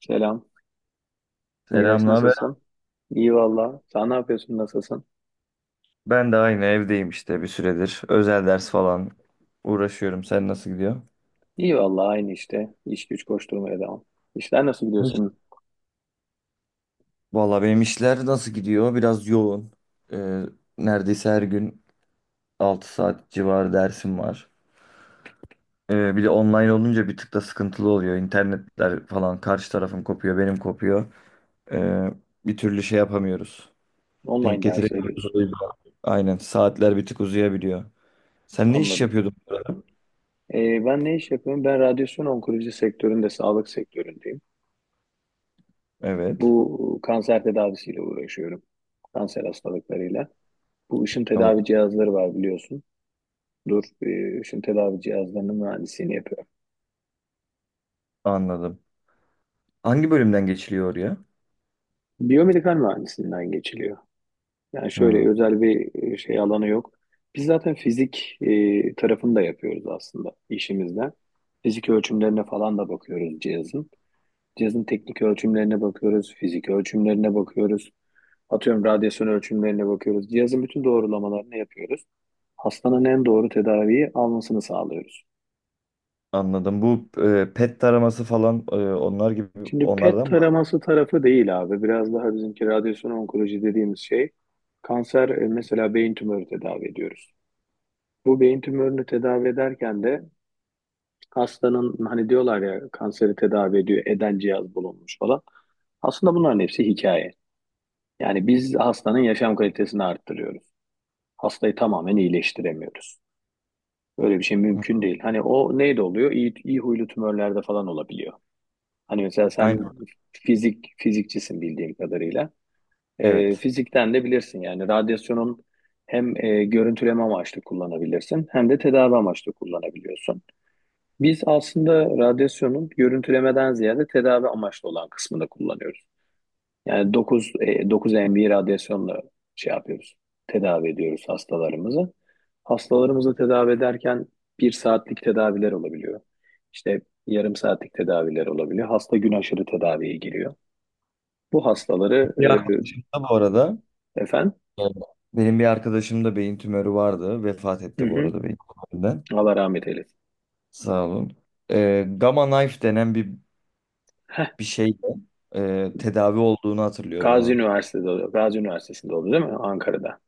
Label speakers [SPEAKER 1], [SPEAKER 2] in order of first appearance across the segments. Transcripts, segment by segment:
[SPEAKER 1] Selam. Miraç
[SPEAKER 2] Selam, naber?
[SPEAKER 1] nasılsın? İyi valla. Sen ne yapıyorsun? Nasılsın?
[SPEAKER 2] Ben de aynı evdeyim işte bir süredir. Özel ders falan uğraşıyorum. Sen nasıl gidiyor?
[SPEAKER 1] İyi valla aynı işte. İş güç koşturmaya devam. İşler nasıl gidiyor
[SPEAKER 2] Hiç.
[SPEAKER 1] senin?
[SPEAKER 2] Vallahi benim işler nasıl gidiyor? Biraz yoğun. Ee, neredeyse her gün 6 saat civarı dersim var. Bir de online olunca bir tık da sıkıntılı oluyor. İnternetler falan karşı tarafın kopuyor, benim kopuyor. Ee, bir türlü şey yapamıyoruz. Denk
[SPEAKER 1] Online ders
[SPEAKER 2] getiremiyoruz,
[SPEAKER 1] veriyorsun.
[SPEAKER 2] o yüzden. Aynen saatler bir tık uzayabiliyor. Sen ne iş
[SPEAKER 1] Anladım.
[SPEAKER 2] yapıyordun?
[SPEAKER 1] Ben ne iş yapıyorum? Ben radyasyon onkoloji sektöründe, sağlık sektöründeyim.
[SPEAKER 2] Evet.
[SPEAKER 1] Bu kanser tedavisiyle uğraşıyorum. Kanser hastalıklarıyla. Bu ışın
[SPEAKER 2] O,
[SPEAKER 1] tedavi cihazları var biliyorsun. Dur, ışın tedavi cihazlarının mühendisliğini yapıyorum.
[SPEAKER 2] anladım. Hangi bölümden geçiliyor oraya?
[SPEAKER 1] Biyomedikal mühendisliğinden geçiliyor. Yani
[SPEAKER 2] Hmm,
[SPEAKER 1] şöyle özel bir şey alanı yok. Biz zaten fizik tarafını da yapıyoruz aslında işimizde. Fizik ölçümlerine falan da bakıyoruz cihazın. Cihazın teknik ölçümlerine bakıyoruz, fizik ölçümlerine bakıyoruz. Atıyorum radyasyon ölçümlerine bakıyoruz. Cihazın bütün doğrulamalarını yapıyoruz. Hastanın en doğru tedaviyi almasını sağlıyoruz.
[SPEAKER 2] anladım. Bu PET taraması falan, onlar gibi
[SPEAKER 1] Şimdi PET
[SPEAKER 2] onlardan mı?
[SPEAKER 1] taraması tarafı değil abi. Biraz daha bizimki radyasyon onkoloji dediğimiz şey. Kanser mesela beyin tümörü tedavi ediyoruz. Bu beyin tümörünü tedavi ederken de hastanın hani diyorlar ya kanseri tedavi ediyor eden cihaz bulunmuş falan. Aslında bunların hepsi hikaye. Yani biz hastanın yaşam kalitesini arttırıyoruz. Hastayı tamamen iyileştiremiyoruz. Böyle bir şey
[SPEAKER 2] Hı,
[SPEAKER 1] mümkün değil. Hani o neyde oluyor? İyi, iyi huylu tümörlerde falan olabiliyor. Hani mesela sen
[SPEAKER 2] aynen.
[SPEAKER 1] fizikçisin bildiğim kadarıyla.
[SPEAKER 2] Evet.
[SPEAKER 1] Fizikten de bilirsin yani radyasyonun hem görüntüleme amaçlı kullanabilirsin hem de tedavi amaçlı kullanabiliyorsun. Biz aslında radyasyonun görüntülemeden ziyade tedavi amaçlı olan kısmını kullanıyoruz. Yani 9 MV radyasyonla şey yapıyoruz. Tedavi ediyoruz hastalarımızı. Hastalarımızı tedavi ederken bir saatlik tedaviler olabiliyor. İşte yarım saatlik tedaviler olabiliyor. Hasta gün aşırı tedaviye giriyor. Bu hastaları
[SPEAKER 2] Bir arkadaşım da bu arada,
[SPEAKER 1] efendim.
[SPEAKER 2] e, benim bir arkadaşım da beyin tümörü vardı. Vefat
[SPEAKER 1] Hı
[SPEAKER 2] etti bu
[SPEAKER 1] hı.
[SPEAKER 2] arada beyin tümöründen.
[SPEAKER 1] Allah rahmet eylesin.
[SPEAKER 2] Sağ olun. Gamma Knife denen bir
[SPEAKER 1] Heh.
[SPEAKER 2] şeyle, tedavi olduğunu hatırlıyorum onun.
[SPEAKER 1] Gazi Üniversitesi'nde oldu değil mi? Ankara'da.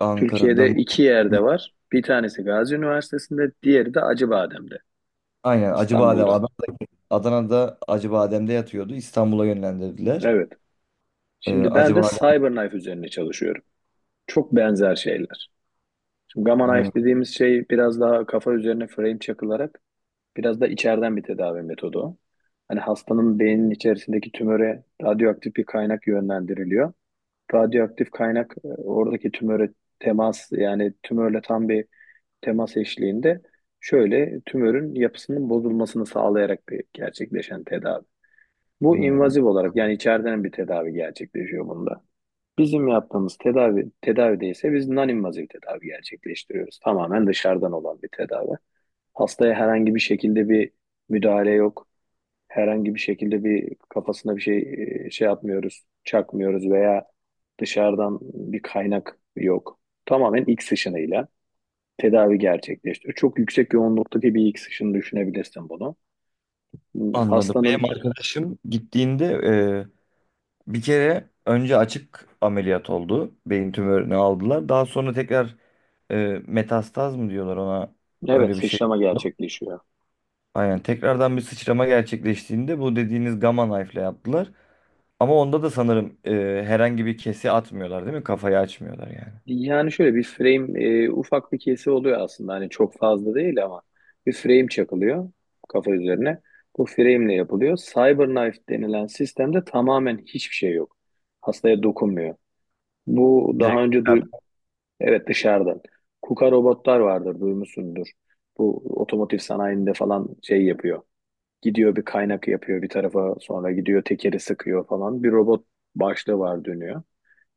[SPEAKER 2] Ankara'da
[SPEAKER 1] Türkiye'de
[SPEAKER 2] mı?
[SPEAKER 1] iki yerde var. Bir tanesi Gazi Üniversitesi'nde, diğeri de Acıbadem'de,
[SPEAKER 2] Aynen Acıbadem.
[SPEAKER 1] İstanbul'da.
[SPEAKER 2] Adana'da Acıbadem'de yatıyordu. İstanbul'a yönlendirdiler.
[SPEAKER 1] Evet. Şimdi ben de
[SPEAKER 2] Acıbadem.
[SPEAKER 1] Cyberknife üzerine çalışıyorum. Çok benzer şeyler. Şimdi Gamma
[SPEAKER 2] Hı,
[SPEAKER 1] Knife dediğimiz şey biraz daha kafa üzerine frame çakılarak biraz da içeriden bir tedavi metodu Hani hastanın beyninin içerisindeki tümöre radyoaktif bir kaynak yönlendiriliyor. Radyoaktif kaynak oradaki tümöre yani tümörle tam bir temas eşliğinde şöyle tümörün yapısının bozulmasını sağlayarak bir gerçekleşen tedavi. Bu
[SPEAKER 2] hı.
[SPEAKER 1] invaziv olarak yani içeriden bir tedavi gerçekleşiyor bunda. Bizim yaptığımız tedavide ise biz non-invazif tedavi gerçekleştiriyoruz. Tamamen dışarıdan olan bir tedavi. Hastaya herhangi bir şekilde bir müdahale yok. Herhangi bir şekilde bir kafasına bir şey şey yapmıyoruz, çakmıyoruz veya dışarıdan bir kaynak yok. Tamamen iç sıçrayla tedavi gerçekleştiriyor. Çok yüksek yoğunluktaki bir ilk sıçını düşünebilirsin bunu.
[SPEAKER 2] Anladım.
[SPEAKER 1] Hastanın
[SPEAKER 2] Benim arkadaşım gittiğinde bir kere önce açık ameliyat oldu. Beyin tümörünü aldılar. Daha sonra tekrar e, metastaz mı diyorlar ona,
[SPEAKER 1] evet,
[SPEAKER 2] öyle bir şey.
[SPEAKER 1] sıçrama gerçekleşiyor.
[SPEAKER 2] Aynen tekrardan bir sıçrama gerçekleştiğinde bu dediğiniz Gamma Knife'le yaptılar. Ama onda da sanırım herhangi bir kesi atmıyorlar değil mi? Kafayı açmıyorlar yani.
[SPEAKER 1] Yani şöyle bir frame ufak bir kesi oluyor aslında. Hani çok fazla değil ama bir frame çakılıyor kafa üzerine. Bu frame ile yapılıyor. Cyberknife denilen sistemde tamamen hiçbir şey yok. Hastaya dokunmuyor. Bu daha
[SPEAKER 2] Direkt
[SPEAKER 1] önce duy
[SPEAKER 2] dışarı-
[SPEAKER 1] Evet, dışarıdan. KUKA robotlar vardır duymuşsundur. Bu otomotiv sanayinde falan şey yapıyor. Gidiyor bir kaynak yapıyor bir tarafa, sonra gidiyor tekeri sıkıyor falan. Bir robot başlığı var, dönüyor.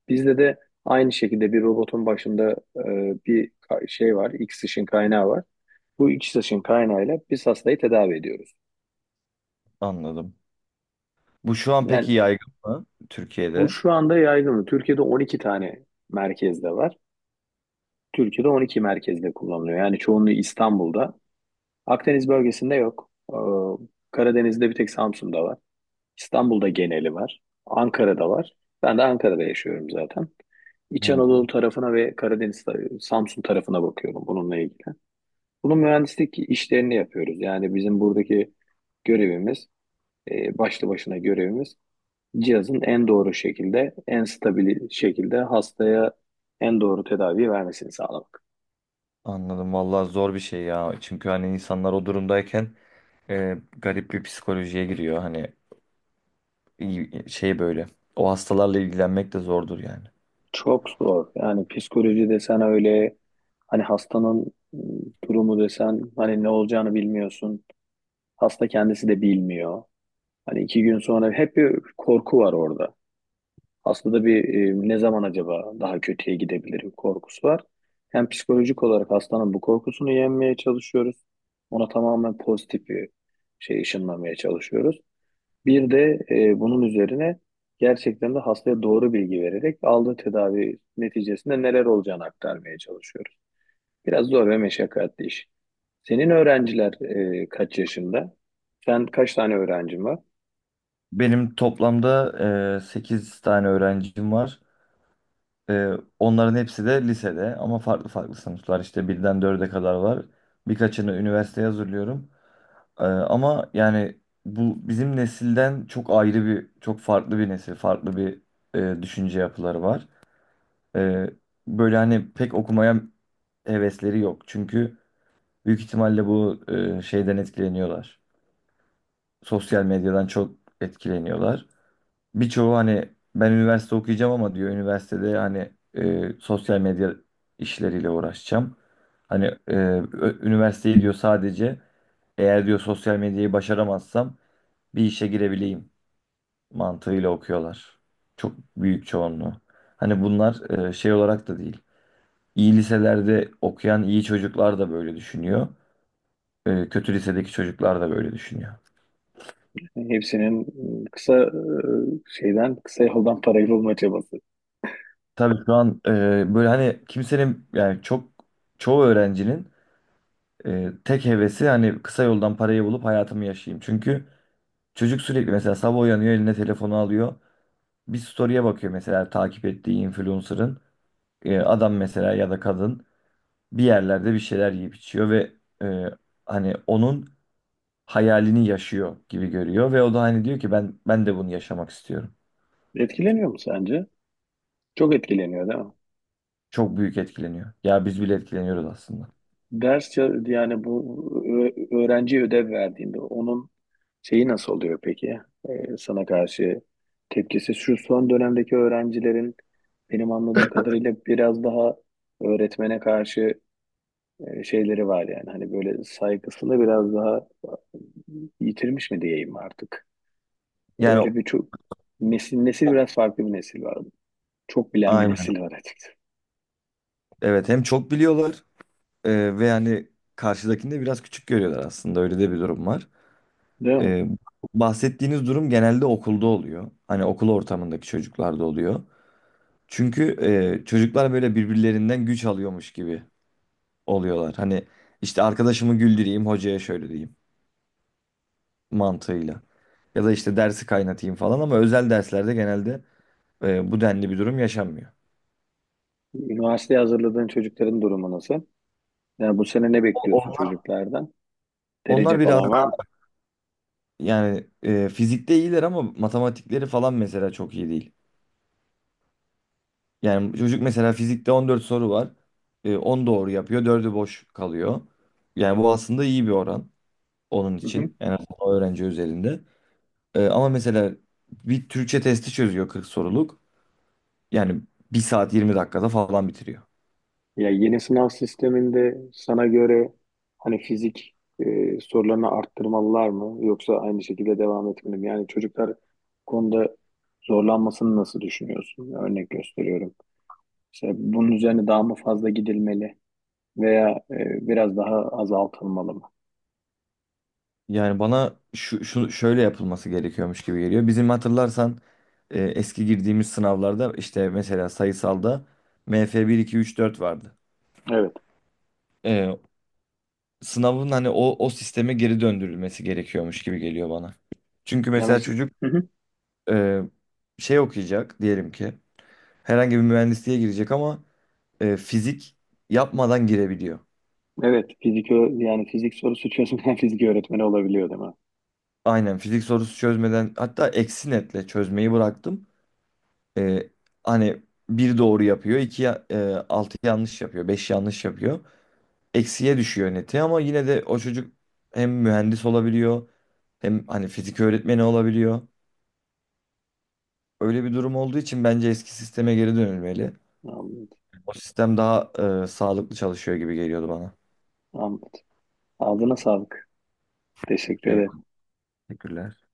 [SPEAKER 1] Bizde de aynı şekilde bir robotun başında şey var. X ışın kaynağı var. Bu X ışın kaynağıyla biz hastayı tedavi ediyoruz.
[SPEAKER 2] anladım. Bu şu an peki
[SPEAKER 1] Yani
[SPEAKER 2] yaygın mı
[SPEAKER 1] bu
[SPEAKER 2] Türkiye'de?
[SPEAKER 1] şu anda yaygın. Türkiye'de 12 tane merkezde var. Türkiye'de 12 merkezde kullanılıyor. Yani çoğunluğu İstanbul'da. Akdeniz bölgesinde yok. Karadeniz'de bir tek Samsun'da var. İstanbul'da geneli var. Ankara'da var. Ben de Ankara'da yaşıyorum zaten. İç
[SPEAKER 2] Hmm,
[SPEAKER 1] Anadolu tarafına ve Samsun tarafına bakıyorum bununla ilgili. Bunun mühendislik işlerini yapıyoruz. Yani bizim buradaki görevimiz, başlı başına görevimiz cihazın en doğru şekilde, en stabil şekilde hastaya en doğru tedavi vermesini sağlamak.
[SPEAKER 2] anladım. Vallahi zor bir şey ya. Çünkü hani insanlar o durumdayken garip bir psikolojiye giriyor. Hani şey böyle. O hastalarla ilgilenmek de zordur yani.
[SPEAKER 1] Çok zor. Yani psikoloji desen öyle, hani hastanın durumu desen, hani ne olacağını bilmiyorsun. Hasta kendisi de bilmiyor. Hani iki gün sonra hep bir korku var orada. Hastada bir ne zaman acaba daha kötüye gidebilirim korkusu var. Hem psikolojik olarak hastanın bu korkusunu yenmeye çalışıyoruz. Ona tamamen pozitif bir şey ışınlamaya çalışıyoruz. Bir de bunun üzerine gerçekten de hastaya doğru bilgi vererek aldığı tedavi neticesinde neler olacağını aktarmaya çalışıyoruz. Biraz zor ve meşakkatli iş. Senin öğrenciler kaç yaşında? Sen kaç tane öğrencin var?
[SPEAKER 2] Benim toplamda 8 tane öğrencim var. E, onların hepsi de lisede ama farklı farklı sınıflar. İşte birden dörde kadar var. Birkaçını üniversiteye hazırlıyorum. Ama yani bu bizim nesilden çok ayrı bir, çok farklı bir nesil, farklı bir düşünce yapıları var. Ee, böyle hani pek okumaya hevesleri yok. Çünkü büyük ihtimalle bu şeyden etkileniyorlar. Sosyal medyadan çok etkileniyorlar. Birçoğu hani ben üniversite okuyacağım ama diyor üniversitede hani sosyal medya işleriyle uğraşacağım. Hani üniversiteyi diyor sadece eğer diyor sosyal medyayı başaramazsam bir işe girebileyim mantığıyla okuyorlar. Çok büyük çoğunluğu. Hani bunlar şey olarak da değil. İyi liselerde okuyan iyi çocuklar da böyle düşünüyor. Kötü lisedeki çocuklar da böyle düşünüyor.
[SPEAKER 1] Hepsinin ıı, kısa e, kısa yoldan parayı bulma çabası.
[SPEAKER 2] Tabii şu an böyle hani kimsenin yani çok çoğu öğrencinin tek hevesi hani kısa yoldan parayı bulup hayatımı yaşayayım. Çünkü çocuk sürekli mesela sabah uyanıyor eline telefonu alıyor. Bir story'e bakıyor mesela takip ettiği influencer'ın. Adam mesela ya da kadın. Bir yerlerde bir şeyler yiyip içiyor ve e, hani onun hayalini yaşıyor gibi görüyor ve o da hani diyor ki ben de bunu yaşamak istiyorum.
[SPEAKER 1] Etkileniyor mu sence? Çok etkileniyor değil mi?
[SPEAKER 2] Çok büyük etkileniyor. Ya biz bile etkileniyoruz aslında.
[SPEAKER 1] Yani bu öğrenciye ödev verdiğinde onun şeyi nasıl oluyor peki? E, sana karşı tepkisi şu son dönemdeki öğrencilerin benim anladığım kadarıyla biraz daha öğretmene karşı şeyleri var yani. Hani böyle saygısını biraz daha yitirmiş mi diyeyim artık?
[SPEAKER 2] Yani
[SPEAKER 1] Öyle bir çok nesil biraz farklı bir nesil vardı. Çok bilen bir
[SPEAKER 2] aynen.
[SPEAKER 1] nesil var açıkçası.
[SPEAKER 2] Evet hem çok biliyorlar ve yani karşıdakini de biraz küçük görüyorlar aslında. Öyle de bir durum var.
[SPEAKER 1] Değil mi?
[SPEAKER 2] E, bahsettiğiniz durum genelde okulda oluyor. Hani okul ortamındaki çocuklarda oluyor. Çünkü çocuklar böyle birbirlerinden güç alıyormuş gibi oluyorlar. Hani işte arkadaşımı güldüreyim, hocaya şöyle diyeyim mantığıyla. Ya da işte dersi kaynatayım falan ama özel derslerde genelde bu denli bir durum yaşanmıyor.
[SPEAKER 1] Üniversiteye hazırladığın çocukların durumu nasıl? Yani bu sene ne bekliyorsun
[SPEAKER 2] O-
[SPEAKER 1] çocuklardan? Derece
[SPEAKER 2] Onlar biraz
[SPEAKER 1] falan var mı?
[SPEAKER 2] daha yani fizikte iyiler ama matematikleri falan mesela çok iyi değil. Yani çocuk mesela fizikte 14 soru var. 10 doğru yapıyor, 4'ü boş kalıyor. Yani bu aslında iyi bir oran onun
[SPEAKER 1] Hı.
[SPEAKER 2] için. Yani o öğrenci üzerinde. Ama mesela bir Türkçe testi çözüyor 40 soruluk. Yani bir saat 20 dakikada falan bitiriyor.
[SPEAKER 1] Ya yeni sınav sisteminde sana göre hani fizik sorularını arttırmalılar mı yoksa aynı şekilde devam etmeli mi? Yani çocuklar bu konuda zorlanmasını nasıl düşünüyorsun? Örnek gösteriyorum. İşte bunun üzerine daha mı fazla gidilmeli veya biraz daha azaltılmalı mı?
[SPEAKER 2] Yani bana şu şöyle yapılması gerekiyormuş gibi geliyor. Bizim hatırlarsan eski girdiğimiz sınavlarda işte mesela sayısalda MF 1 2 3 4 vardı.
[SPEAKER 1] Evet.
[SPEAKER 2] E, sınavın hani o sisteme geri döndürülmesi gerekiyormuş gibi geliyor bana. Çünkü
[SPEAKER 1] Ya
[SPEAKER 2] mesela
[SPEAKER 1] mes-
[SPEAKER 2] çocuk
[SPEAKER 1] Hı hı.
[SPEAKER 2] e, şey okuyacak diyelim ki herhangi bir mühendisliğe girecek ama fizik yapmadan girebiliyor.
[SPEAKER 1] Evet, yani fizik sorusu çözümleyen fizik öğretmeni olabiliyor değil mi?
[SPEAKER 2] Aynen fizik sorusu çözmeden hatta eksi netle çözmeyi bıraktım. E, hani bir doğru yapıyor, altı yanlış yapıyor, beş yanlış yapıyor. Eksiye düşüyor neti ama yine de o çocuk hem mühendis olabiliyor hem hani fizik öğretmeni olabiliyor. Öyle bir durum olduğu için bence eski sisteme geri dönülmeli.
[SPEAKER 1] Anladım.
[SPEAKER 2] O sistem daha sağlıklı çalışıyor gibi geliyordu bana.
[SPEAKER 1] Anladım. Ağzına sağlık. Teşekkür ederim.
[SPEAKER 2] Eyvallah, teşekkürler.